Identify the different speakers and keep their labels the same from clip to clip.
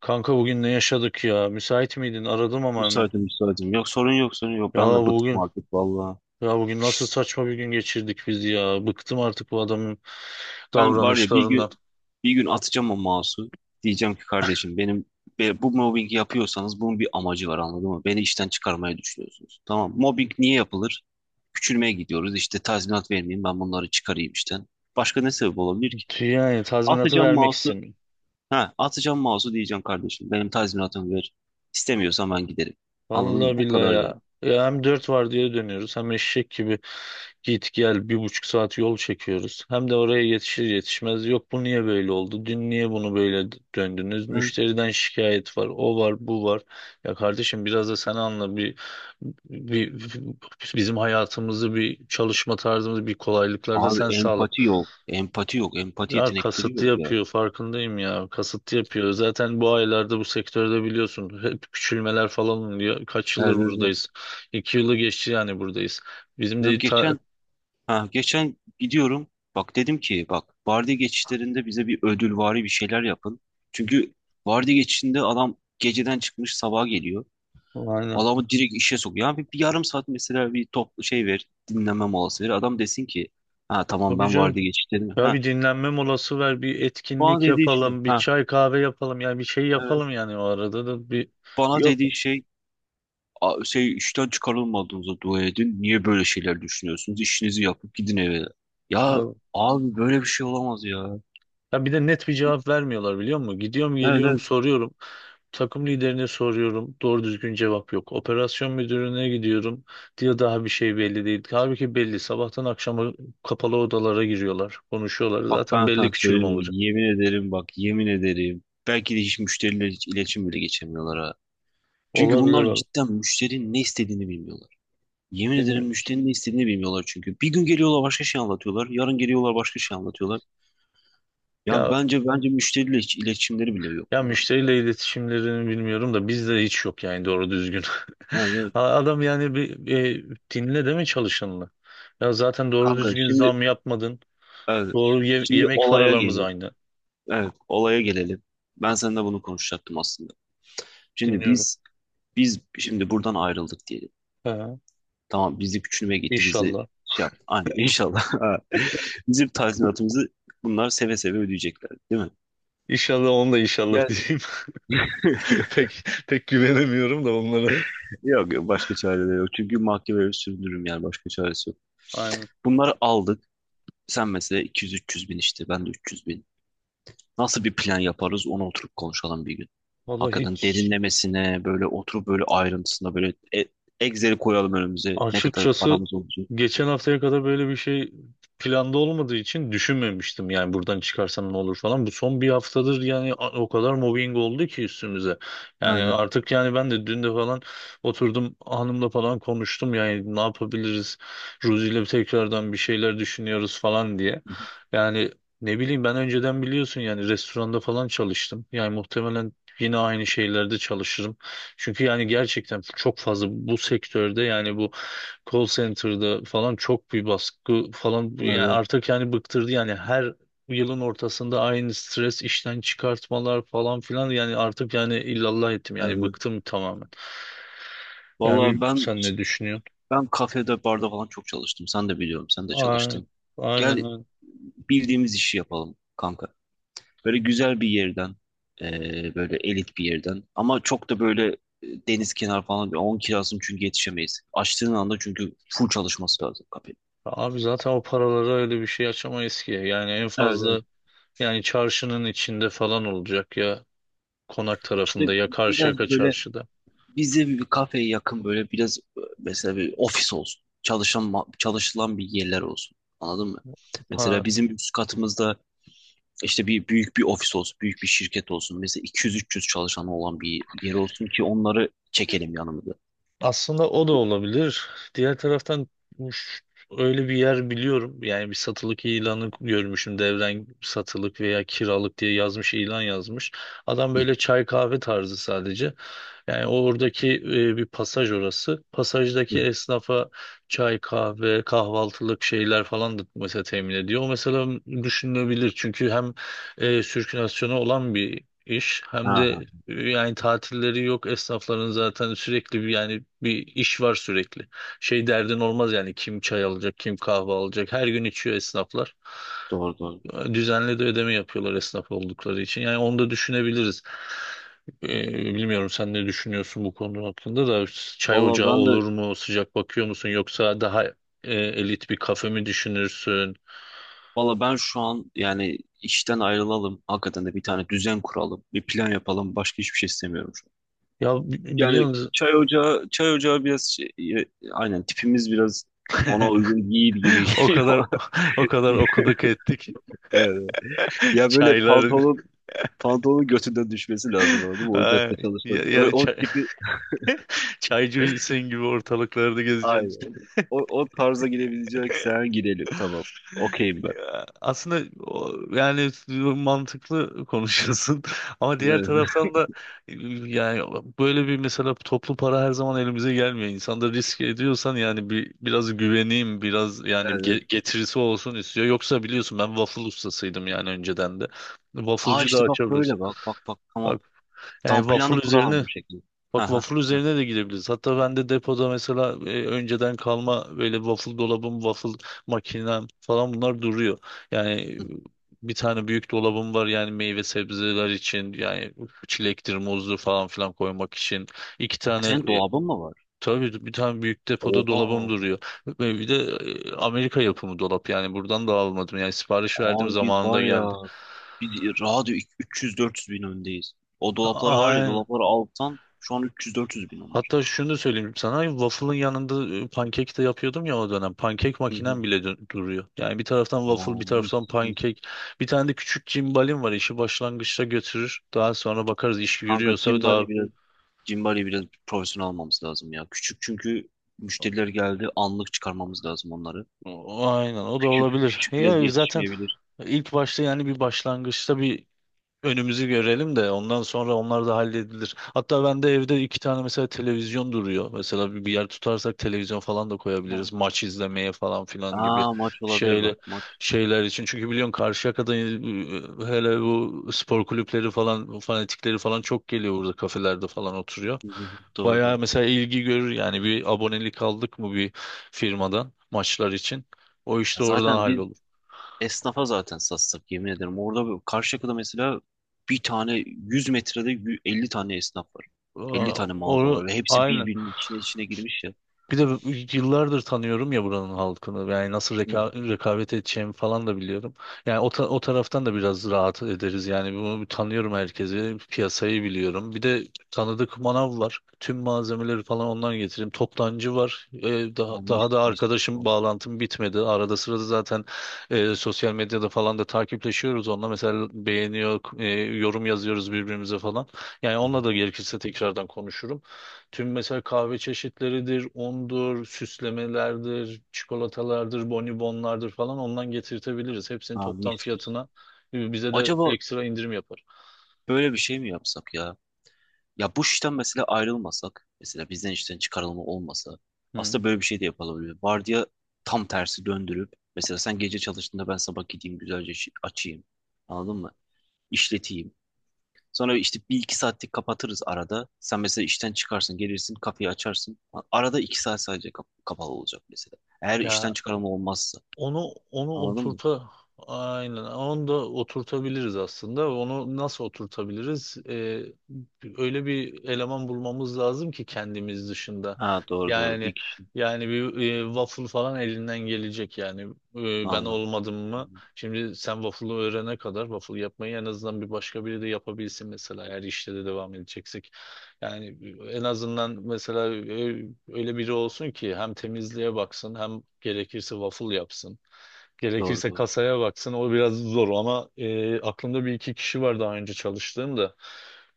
Speaker 1: Kanka bugün ne yaşadık ya? Müsait miydin? Aradım ama hemen.
Speaker 2: Müsaitim müsaitim. Yok sorun yok sorun yok.
Speaker 1: Ya
Speaker 2: Ben de bıktım
Speaker 1: bugün
Speaker 2: artık valla.
Speaker 1: ya bugün nasıl saçma bir gün geçirdik biz ya. Bıktım artık bu adamın
Speaker 2: Ben var ya bir
Speaker 1: davranışlarından.
Speaker 2: gün bir gün atacağım o mouse'u. Diyeceğim ki kardeşim benim bu mobbingi yapıyorsanız bunun bir amacı var anladın mı? Beni işten çıkarmaya düşünüyorsunuz. Tamam mobbing niye yapılır? Küçülmeye gidiyoruz. İşte tazminat vermeyeyim ben bunları çıkarayım işten. Başka ne sebep olabilir ki?
Speaker 1: Yani tazminatı
Speaker 2: Atacağım
Speaker 1: vermek
Speaker 2: mouse'u.
Speaker 1: istemiyor.
Speaker 2: Ha, atacağım mouse'u diyeceğim kardeşim. Benim tazminatımı ver. İstemiyorsan ben giderim. Anladın mı?
Speaker 1: Vallahi
Speaker 2: Bu
Speaker 1: billahi
Speaker 2: kadar yani.
Speaker 1: ya. Ya hem dört var diye dönüyoruz hem eşek gibi git gel 1,5 saat yol çekiyoruz. Hem de oraya yetişir yetişmez yok bu niye böyle oldu? Dün niye bunu böyle döndünüz? Müşteriden şikayet var. O var bu var. Ya kardeşim biraz da sen anla bir bizim hayatımızı bir çalışma tarzımızı bir kolaylıklar da
Speaker 2: Abi
Speaker 1: sen sağla.
Speaker 2: empati yok. Empati yok. Empati
Speaker 1: Ya
Speaker 2: yetenekleri
Speaker 1: kasıtlı
Speaker 2: yok ya.
Speaker 1: yapıyor farkındayım ya. Kasıtlı yapıyor. Zaten bu aylarda bu sektörde biliyorsun hep küçülmeler falan oluyor. Kaç yıldır
Speaker 2: Evet, evet, evet.
Speaker 1: buradayız? 2 yılı geçti yani buradayız. Bizim
Speaker 2: Ya
Speaker 1: de ta...
Speaker 2: geçen gidiyorum. Bak dedim ki bak vardiya geçişlerinde bize bir ödülvari bir şeyler yapın. Çünkü vardiya geçişinde adam geceden çıkmış sabaha geliyor.
Speaker 1: Aynen.
Speaker 2: Adamı direkt işe sokuyor. Ya bir yarım saat mesela bir top şey ver, dinlenme molası ver. Adam desin ki ha tamam
Speaker 1: Tabii
Speaker 2: ben
Speaker 1: canım.
Speaker 2: vardiya geçişlerim.
Speaker 1: Ya
Speaker 2: Ha
Speaker 1: bir dinlenme molası ver, bir
Speaker 2: bana
Speaker 1: etkinlik
Speaker 2: dediği şey
Speaker 1: yapalım, bir
Speaker 2: ha
Speaker 1: çay kahve yapalım. Yani bir şey
Speaker 2: evet.
Speaker 1: yapalım yani o arada da.
Speaker 2: Bana
Speaker 1: Yok.
Speaker 2: dediği şey şey işten çıkarılmadığınıza dua edin. Niye böyle şeyler düşünüyorsunuz? İşinizi yapıp gidin eve. Ya abi böyle bir şey olamaz ya.
Speaker 1: Ya bir de net bir cevap vermiyorlar biliyor musun? Gidiyorum
Speaker 2: Evet
Speaker 1: geliyorum
Speaker 2: evet.
Speaker 1: soruyorum. Takım liderine soruyorum. Doğru düzgün cevap yok. Operasyon müdürüne gidiyorum. Diyor daha bir şey belli değil. Halbuki belli. Sabahtan akşama kapalı odalara giriyorlar. Konuşuyorlar.
Speaker 2: Bak
Speaker 1: Zaten
Speaker 2: ben
Speaker 1: belli
Speaker 2: sana
Speaker 1: küçülme
Speaker 2: söyleyeyim mi?
Speaker 1: olacak.
Speaker 2: Yemin ederim bak yemin ederim. Belki de hiç müşteriyle hiç iletişim bile geçemiyorlar ha. Çünkü
Speaker 1: Olabilir
Speaker 2: bunlar
Speaker 1: valla.
Speaker 2: cidden müşterinin ne istediğini bilmiyorlar. Yemin ederim
Speaker 1: Bilmiyoruz.
Speaker 2: müşterinin ne istediğini bilmiyorlar çünkü. Bir gün geliyorlar başka şey anlatıyorlar. Yarın geliyorlar başka şey anlatıyorlar. Ya
Speaker 1: Ya
Speaker 2: bence müşteriyle hiç iletişimleri bile yok
Speaker 1: ya
Speaker 2: bunların.
Speaker 1: müşteriyle iletişimlerini bilmiyorum da bizde hiç yok yani doğru düzgün.
Speaker 2: Evet, evet.
Speaker 1: Adam yani bir dinle deme çalışanını. Ya zaten doğru
Speaker 2: Kanka,
Speaker 1: düzgün zam yapmadın.
Speaker 2: evet,
Speaker 1: Doğru ye-
Speaker 2: şimdi
Speaker 1: yemek
Speaker 2: olaya
Speaker 1: paralarımız
Speaker 2: gelelim.
Speaker 1: aynı.
Speaker 2: Evet, olaya gelelim. Ben seninle bunu konuşacaktım aslında. Şimdi
Speaker 1: Dinliyorum.
Speaker 2: biz biz şimdi buradan ayrıldık diyelim.
Speaker 1: Ha,
Speaker 2: Tamam bizi küçülmeye gitti bizi
Speaker 1: inşallah.
Speaker 2: şey yaptı. Hani inşallah bizim tazminatımızı bunlar seve seve ödeyecekler değil mi?
Speaker 1: İnşallah onu da inşallah
Speaker 2: Yani
Speaker 1: diyeyim. Pek pek güvenemiyorum da onlara.
Speaker 2: yok yok başka çare de yok. Çünkü mahkemeye sürdürürüm yani başka çaresi yok.
Speaker 1: Aynen.
Speaker 2: Bunları aldık. Sen mesela 200-300 bin işte ben de 300. Nasıl bir plan yaparız onu oturup konuşalım bir gün.
Speaker 1: Vallahi
Speaker 2: Hakikaten
Speaker 1: hiç.
Speaker 2: derinlemesine böyle oturup böyle ayrıntısına böyle Excel'i koyalım önümüze. Ne kadar
Speaker 1: Açıkçası
Speaker 2: paramız olacak.
Speaker 1: geçen haftaya kadar böyle bir şey planda olmadığı için düşünmemiştim. Yani buradan çıkarsam ne olur falan. Bu son bir haftadır yani o kadar mobbing oldu ki üstümüze. Yani
Speaker 2: Öyle.
Speaker 1: artık yani ben de dün de falan oturdum hanımla falan konuştum. Yani ne yapabiliriz? Ruzi ile tekrardan bir şeyler düşünüyoruz falan diye. Yani ne bileyim ben önceden biliyorsun yani restoranda falan çalıştım. Yani muhtemelen yine aynı şeylerde çalışırım. Çünkü yani gerçekten çok fazla bu sektörde yani bu call center'da falan çok bir baskı falan yani
Speaker 2: Öyle.
Speaker 1: artık yani bıktırdı yani her yılın ortasında aynı stres işten çıkartmalar falan filan yani artık yani illallah ettim yani
Speaker 2: Öyle.
Speaker 1: bıktım tamamen. Yani
Speaker 2: Valla
Speaker 1: bilmiyorum
Speaker 2: ben
Speaker 1: sen ne düşünüyorsun?
Speaker 2: ben kafede barda falan çok çalıştım. Sen de biliyorum. Sen de
Speaker 1: Aynen
Speaker 2: çalıştın.
Speaker 1: aynen.
Speaker 2: Gel
Speaker 1: Öyle.
Speaker 2: bildiğimiz işi yapalım kanka. Böyle güzel bir yerden böyle elit bir yerden ama çok da böyle deniz kenarı falan bir 10 kirasını çünkü yetişemeyiz. Açtığın anda çünkü full çalışması lazım kafe.
Speaker 1: Abi zaten o paralara öyle bir şey açamayız ki. Yani en
Speaker 2: Evet, evet.
Speaker 1: fazla yani çarşının içinde falan olacak ya konak
Speaker 2: İşte
Speaker 1: tarafında ya Karşıyaka
Speaker 2: biraz böyle
Speaker 1: çarşıda.
Speaker 2: bize bir kafeye yakın böyle biraz mesela bir ofis olsun. Çalışılan bir yerler olsun. Anladın mı? Mesela
Speaker 1: Ha,
Speaker 2: bizim üst katımızda işte bir büyük bir ofis olsun, büyük bir şirket olsun. Mesela 200-300 çalışanı olan bir yer olsun ki onları çekelim yanımıza.
Speaker 1: aslında o da olabilir. Diğer taraftan uş- öyle bir yer biliyorum. Yani bir satılık ilanı görmüşüm. Devren satılık veya kiralık diye yazmış, ilan yazmış. Adam
Speaker 2: Hı
Speaker 1: böyle çay kahve tarzı sadece. Yani oradaki bir pasaj orası.
Speaker 2: hı.
Speaker 1: Pasajdaki esnafa çay, kahve, kahvaltılık şeyler falan da mesela temin ediyor. O mesela düşünülebilir. Çünkü hem sirkülasyonu olan bir iş. Hem
Speaker 2: Ha, ha.
Speaker 1: de yani tatilleri yok. Esnafların zaten sürekli bir yani bir iş var sürekli. Şey derdin olmaz yani kim çay alacak, kim kahve alacak. Her gün içiyor esnaflar.
Speaker 2: Doğru doğru.
Speaker 1: Düzenli de ödeme yapıyorlar esnaf oldukları için. Yani onu da düşünebiliriz. E, Bilmiyorum sen ne düşünüyorsun bu konu hakkında da çay
Speaker 2: Valla
Speaker 1: ocağı
Speaker 2: ben
Speaker 1: olur
Speaker 2: de
Speaker 1: mu? Sıcak bakıyor musun? Yoksa daha elit bir kafe mi düşünürsün?
Speaker 2: valla ben şu an yani işten ayrılalım. Hakikaten de bir tane düzen kuralım. Bir plan yapalım. Başka hiçbir şey istemiyorum.
Speaker 1: Ya
Speaker 2: Yani
Speaker 1: biliyorsunuz
Speaker 2: çay ocağı biraz şey, e, aynen tipimiz biraz ona uygun değil gibi
Speaker 1: o
Speaker 2: geliyor.
Speaker 1: kadar o kadar okuduk ettik.
Speaker 2: Evet. Ya böyle
Speaker 1: Çaylar
Speaker 2: pantolon pantolonun götünden düşmesi lazım anladın mı?
Speaker 1: Ay,
Speaker 2: Ocakta çalışmak.
Speaker 1: ya
Speaker 2: O
Speaker 1: çay,
Speaker 2: tipi
Speaker 1: çaycısın gibi ortalıklarda
Speaker 2: aynen.
Speaker 1: gezeceksin.
Speaker 2: O tarza girebileceksen girelim. Tamam. Okeyim ben.
Speaker 1: Ya, aslında o, yani mantıklı konuşuyorsun, ama diğer
Speaker 2: Evet.
Speaker 1: taraftan da yani böyle bir mesela toplu para her zaman elimize gelmiyor. İnsan da risk ediyorsan yani bir biraz güveneyim, biraz yani
Speaker 2: Evet.
Speaker 1: getirisi olsun istiyor. Yoksa biliyorsun ben waffle ustasıydım yani önceden de.
Speaker 2: Aa
Speaker 1: Wafflecı da
Speaker 2: işte bak
Speaker 1: açabiliriz.
Speaker 2: böyle bak bak bak tamam.
Speaker 1: Bak yani
Speaker 2: Tamam
Speaker 1: waffle
Speaker 2: planı kuralım
Speaker 1: üzerine
Speaker 2: bu şekilde.
Speaker 1: Bak
Speaker 2: Ha ha.
Speaker 1: waffle
Speaker 2: Ha.
Speaker 1: üzerine de gidebiliriz. Hatta ben de depoda mesela önceden kalma böyle waffle dolabım, waffle makinem falan bunlar duruyor. Yani
Speaker 2: Hı.
Speaker 1: bir tane büyük dolabım var yani meyve sebzeler için yani çilektir, muzlu falan filan koymak için. İki tane
Speaker 2: Senin
Speaker 1: e,
Speaker 2: dolabın mı var?
Speaker 1: tabii bir tane büyük depoda
Speaker 2: Oha.
Speaker 1: dolabım duruyor. Ve bir de Amerika yapımı dolap yani buradan da almadım. Yani sipariş verdiğim
Speaker 2: Abi biz
Speaker 1: zamanında
Speaker 2: var
Speaker 1: geldi.
Speaker 2: ya biz rahat 300-400 bin öndeyiz. O dolapları var ya
Speaker 1: Aynen.
Speaker 2: dolapları alttan şu an 300-400 bin onlar.
Speaker 1: Hatta şunu da söyleyeyim sana waffle'ın yanında pankek de yapıyordum ya o dönem. Pankek
Speaker 2: Hı hı.
Speaker 1: makinem
Speaker 2: Hı.
Speaker 1: bile duruyor. Yani bir taraftan
Speaker 2: Aa,
Speaker 1: waffle bir
Speaker 2: mis
Speaker 1: taraftan
Speaker 2: mis.
Speaker 1: pankek. Bir tane de küçük cimbalim var işi başlangıçta götürür. Daha sonra bakarız iş
Speaker 2: Kanka
Speaker 1: yürüyorsa daha
Speaker 2: Cimbali biraz profesyonel almamız lazım ya. Küçük çünkü müşteriler geldi anlık çıkarmamız lazım onları.
Speaker 1: aynen o da
Speaker 2: Küçük
Speaker 1: olabilir.
Speaker 2: küçük biraz
Speaker 1: Ya zaten
Speaker 2: yetişmeyebilir.
Speaker 1: ilk başta yani bir başlangıçta bir önümüzü görelim de ondan sonra onlar da halledilir. Hatta ben de evde iki tane mesela televizyon duruyor. Mesela bir yer tutarsak televizyon falan da
Speaker 2: Ha.
Speaker 1: koyabiliriz. Maç izlemeye falan filan gibi
Speaker 2: Aa maç olabilir
Speaker 1: şeyle
Speaker 2: bak maç.
Speaker 1: şeyler için. Çünkü biliyorsun Karşıyaka'da hele bu spor kulüpleri falan fanatikleri falan çok geliyor burada kafelerde falan oturuyor.
Speaker 2: Hı hı. Hı. Doğru
Speaker 1: Bayağı
Speaker 2: doğru.
Speaker 1: mesela ilgi görür yani bir abonelik aldık mı bir firmadan maçlar için. O işte oradan
Speaker 2: Zaten biz
Speaker 1: hallolur.
Speaker 2: Esnafa zaten satsak yemin ederim. Orada Karşıyaka'da mesela bir tane 100 metrede 50 tane esnaf var. 50
Speaker 1: Aa,
Speaker 2: tane mağaza
Speaker 1: onu,
Speaker 2: var ve hepsi
Speaker 1: aynen.
Speaker 2: birbirinin içine içine girmiş ya.
Speaker 1: Bir de yıllardır tanıyorum ya buranın halkını. Yani nasıl
Speaker 2: Hı hı.
Speaker 1: rekabet edeceğimi falan da biliyorum. Yani o, o taraftan da biraz rahat ederiz. Yani bunu bir tanıyorum herkesi. Piyasayı biliyorum. Bir de tanıdık manav var. Tüm malzemeleri falan ondan getireyim. Toptancı var. Daha,
Speaker 2: Aa, mis
Speaker 1: daha da
Speaker 2: mis.
Speaker 1: arkadaşım
Speaker 2: Vallahi.
Speaker 1: bağlantım bitmedi. Arada sırada zaten sosyal medyada falan da takipleşiyoruz onunla. Mesela beğeniyor, yorum yazıyoruz birbirimize falan. Yani
Speaker 2: Hı hı.
Speaker 1: onunla da gerekirse tekrardan konuşurum. Tüm mesela kahve çeşitleridir, undur, süslemelerdir, çikolatalardır, bonibonlardır falan ondan getirtebiliriz. Hepsini
Speaker 2: Aa,
Speaker 1: toptan
Speaker 2: mis mis.
Speaker 1: fiyatına bize de
Speaker 2: Acaba
Speaker 1: ekstra indirim yapar.
Speaker 2: böyle bir şey mi yapsak ya? Ya bu işten mesela ayrılmasak, mesela bizden işten çıkarılma olmasa
Speaker 1: Hı.
Speaker 2: aslında böyle bir şey de yapılabilir. Vardiya tam tersi döndürüp mesela sen gece çalıştığında ben sabah gideyim güzelce işi açayım. Anladın mı? İşleteyim. Sonra işte bir iki saatlik kapatırız arada. Sen mesela işten çıkarsın, gelirsin, kafeyi açarsın. Arada 2 saat sadece kapalı olacak mesela. Eğer işten
Speaker 1: Ya
Speaker 2: çıkarma olmazsa.
Speaker 1: Onu onu
Speaker 2: Anladın mı?
Speaker 1: oturta aynen onu da oturtabiliriz aslında. Onu nasıl oturtabiliriz? Öyle bir eleman bulmamız lazım ki kendimiz dışında.
Speaker 2: Ha doğru doğru.
Speaker 1: Yani
Speaker 2: Bir kişi.
Speaker 1: yani bir waffle falan elinden gelecek yani. Ben
Speaker 2: Anladım.
Speaker 1: olmadım
Speaker 2: Hı
Speaker 1: mı?
Speaker 2: hı.
Speaker 1: Şimdi sen waffle'ı öğrene kadar waffle yapmayı en azından bir başka biri de yapabilsin mesela eğer işte de devam edeceksek. Yani en azından mesela öyle biri olsun ki hem temizliğe baksın hem gerekirse waffle yapsın.
Speaker 2: Doğru
Speaker 1: Gerekirse
Speaker 2: doğru.
Speaker 1: kasaya baksın. O biraz zor ama aklımda bir iki kişi var daha önce çalıştığım da.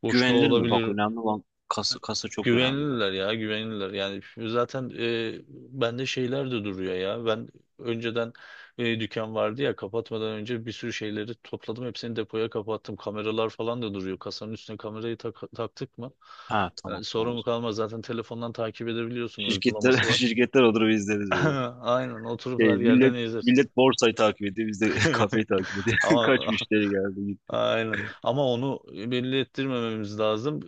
Speaker 1: Boşta
Speaker 2: Güvenilir mi? Bak
Speaker 1: olabilir.
Speaker 2: önemli olan kasa, kasa çok önemli bak.
Speaker 1: Güvenilirler ya güvenilirler. Yani zaten bende şeyler de duruyor ya. Ben önceden dükkan vardı ya kapatmadan önce bir sürü şeyleri topladım. Hepsini depoya kapattım. Kameralar falan da duruyor. Kasanın üstüne kamerayı taktık mı?
Speaker 2: Ha
Speaker 1: Yani
Speaker 2: tamam tamam o
Speaker 1: sorun
Speaker 2: zaman.
Speaker 1: kalmaz. Zaten telefondan takip edebiliyorsun.
Speaker 2: Şirketler,
Speaker 1: Uygulaması var.
Speaker 2: şirketler olur biz izleriz böyle.
Speaker 1: Aynen oturup her
Speaker 2: Şey,
Speaker 1: yerden
Speaker 2: millet
Speaker 1: izler.
Speaker 2: millet borsayı takip ediyor. Biz de kafeyi takip ediyor.
Speaker 1: Ama
Speaker 2: Kaç müşteri geldi gitti.
Speaker 1: aynen. Ama onu belli ettirmememiz lazım.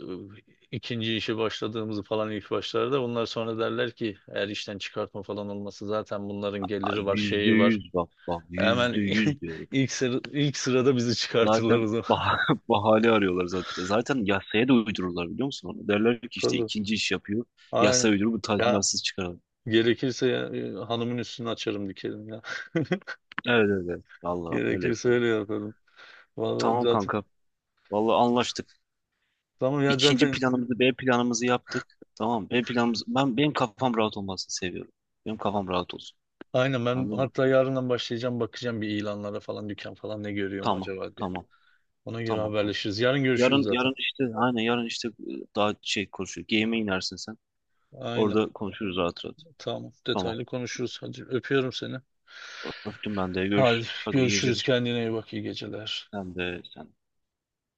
Speaker 1: İkinci işe başladığımızı falan ilk başlarda. Bunlar sonra derler ki eğer işten çıkartma falan olması zaten bunların
Speaker 2: Ay,
Speaker 1: geliri var,
Speaker 2: Yüzde
Speaker 1: şeyi var.
Speaker 2: yüz bak bak yüzde
Speaker 1: Hemen
Speaker 2: yüz diyorum.
Speaker 1: ilk sırada bizi çıkartırlar o
Speaker 2: Zaten
Speaker 1: zaman.
Speaker 2: bahane arıyorlar zaten. Zaten yasaya da uydururlar biliyor musun onu? Derler ki işte
Speaker 1: Tabii.
Speaker 2: ikinci iş yapıyor.
Speaker 1: Aynen.
Speaker 2: Yasa uydurup bu
Speaker 1: Ya
Speaker 2: tazminatsız çıkaralım.
Speaker 1: gerekirse ya, hanımın üstünü açarım dikerim ya.
Speaker 2: Evet evet. Evet. Vallahi öyle
Speaker 1: Gerekirse
Speaker 2: yapalım.
Speaker 1: öyle yaparım. Vallahi
Speaker 2: Tamam
Speaker 1: zaten.
Speaker 2: kanka. Vallahi anlaştık.
Speaker 1: Tamam ya
Speaker 2: İkinci
Speaker 1: zaten.
Speaker 2: planımızı B planımızı yaptık. Tamam B planımız, benim kafam rahat olmasını seviyorum. Benim kafam rahat olsun.
Speaker 1: Aynen ben
Speaker 2: Anladın mı?
Speaker 1: hatta yarından başlayacağım bakacağım bir ilanlara falan dükkan falan ne görüyorum
Speaker 2: Tamam.
Speaker 1: acaba diye.
Speaker 2: Tamam.
Speaker 1: Ona göre
Speaker 2: Tamam tamam.
Speaker 1: haberleşiriz. Yarın görüşürüz
Speaker 2: Yarın
Speaker 1: zaten.
Speaker 2: yarın işte aynen yarın işte daha şey konuşuyor. Game'e inersin sen.
Speaker 1: Aynen.
Speaker 2: Orada konuşuruz rahat rahat.
Speaker 1: Tamam.
Speaker 2: Tamam.
Speaker 1: Detaylı konuşuruz. Hadi öpüyorum seni.
Speaker 2: Öptüm ben de.
Speaker 1: Hadi
Speaker 2: Görüşürüz. Hadi iyi
Speaker 1: görüşürüz.
Speaker 2: geceler.
Speaker 1: Kendine iyi bak. İyi geceler.
Speaker 2: Sen de sen de.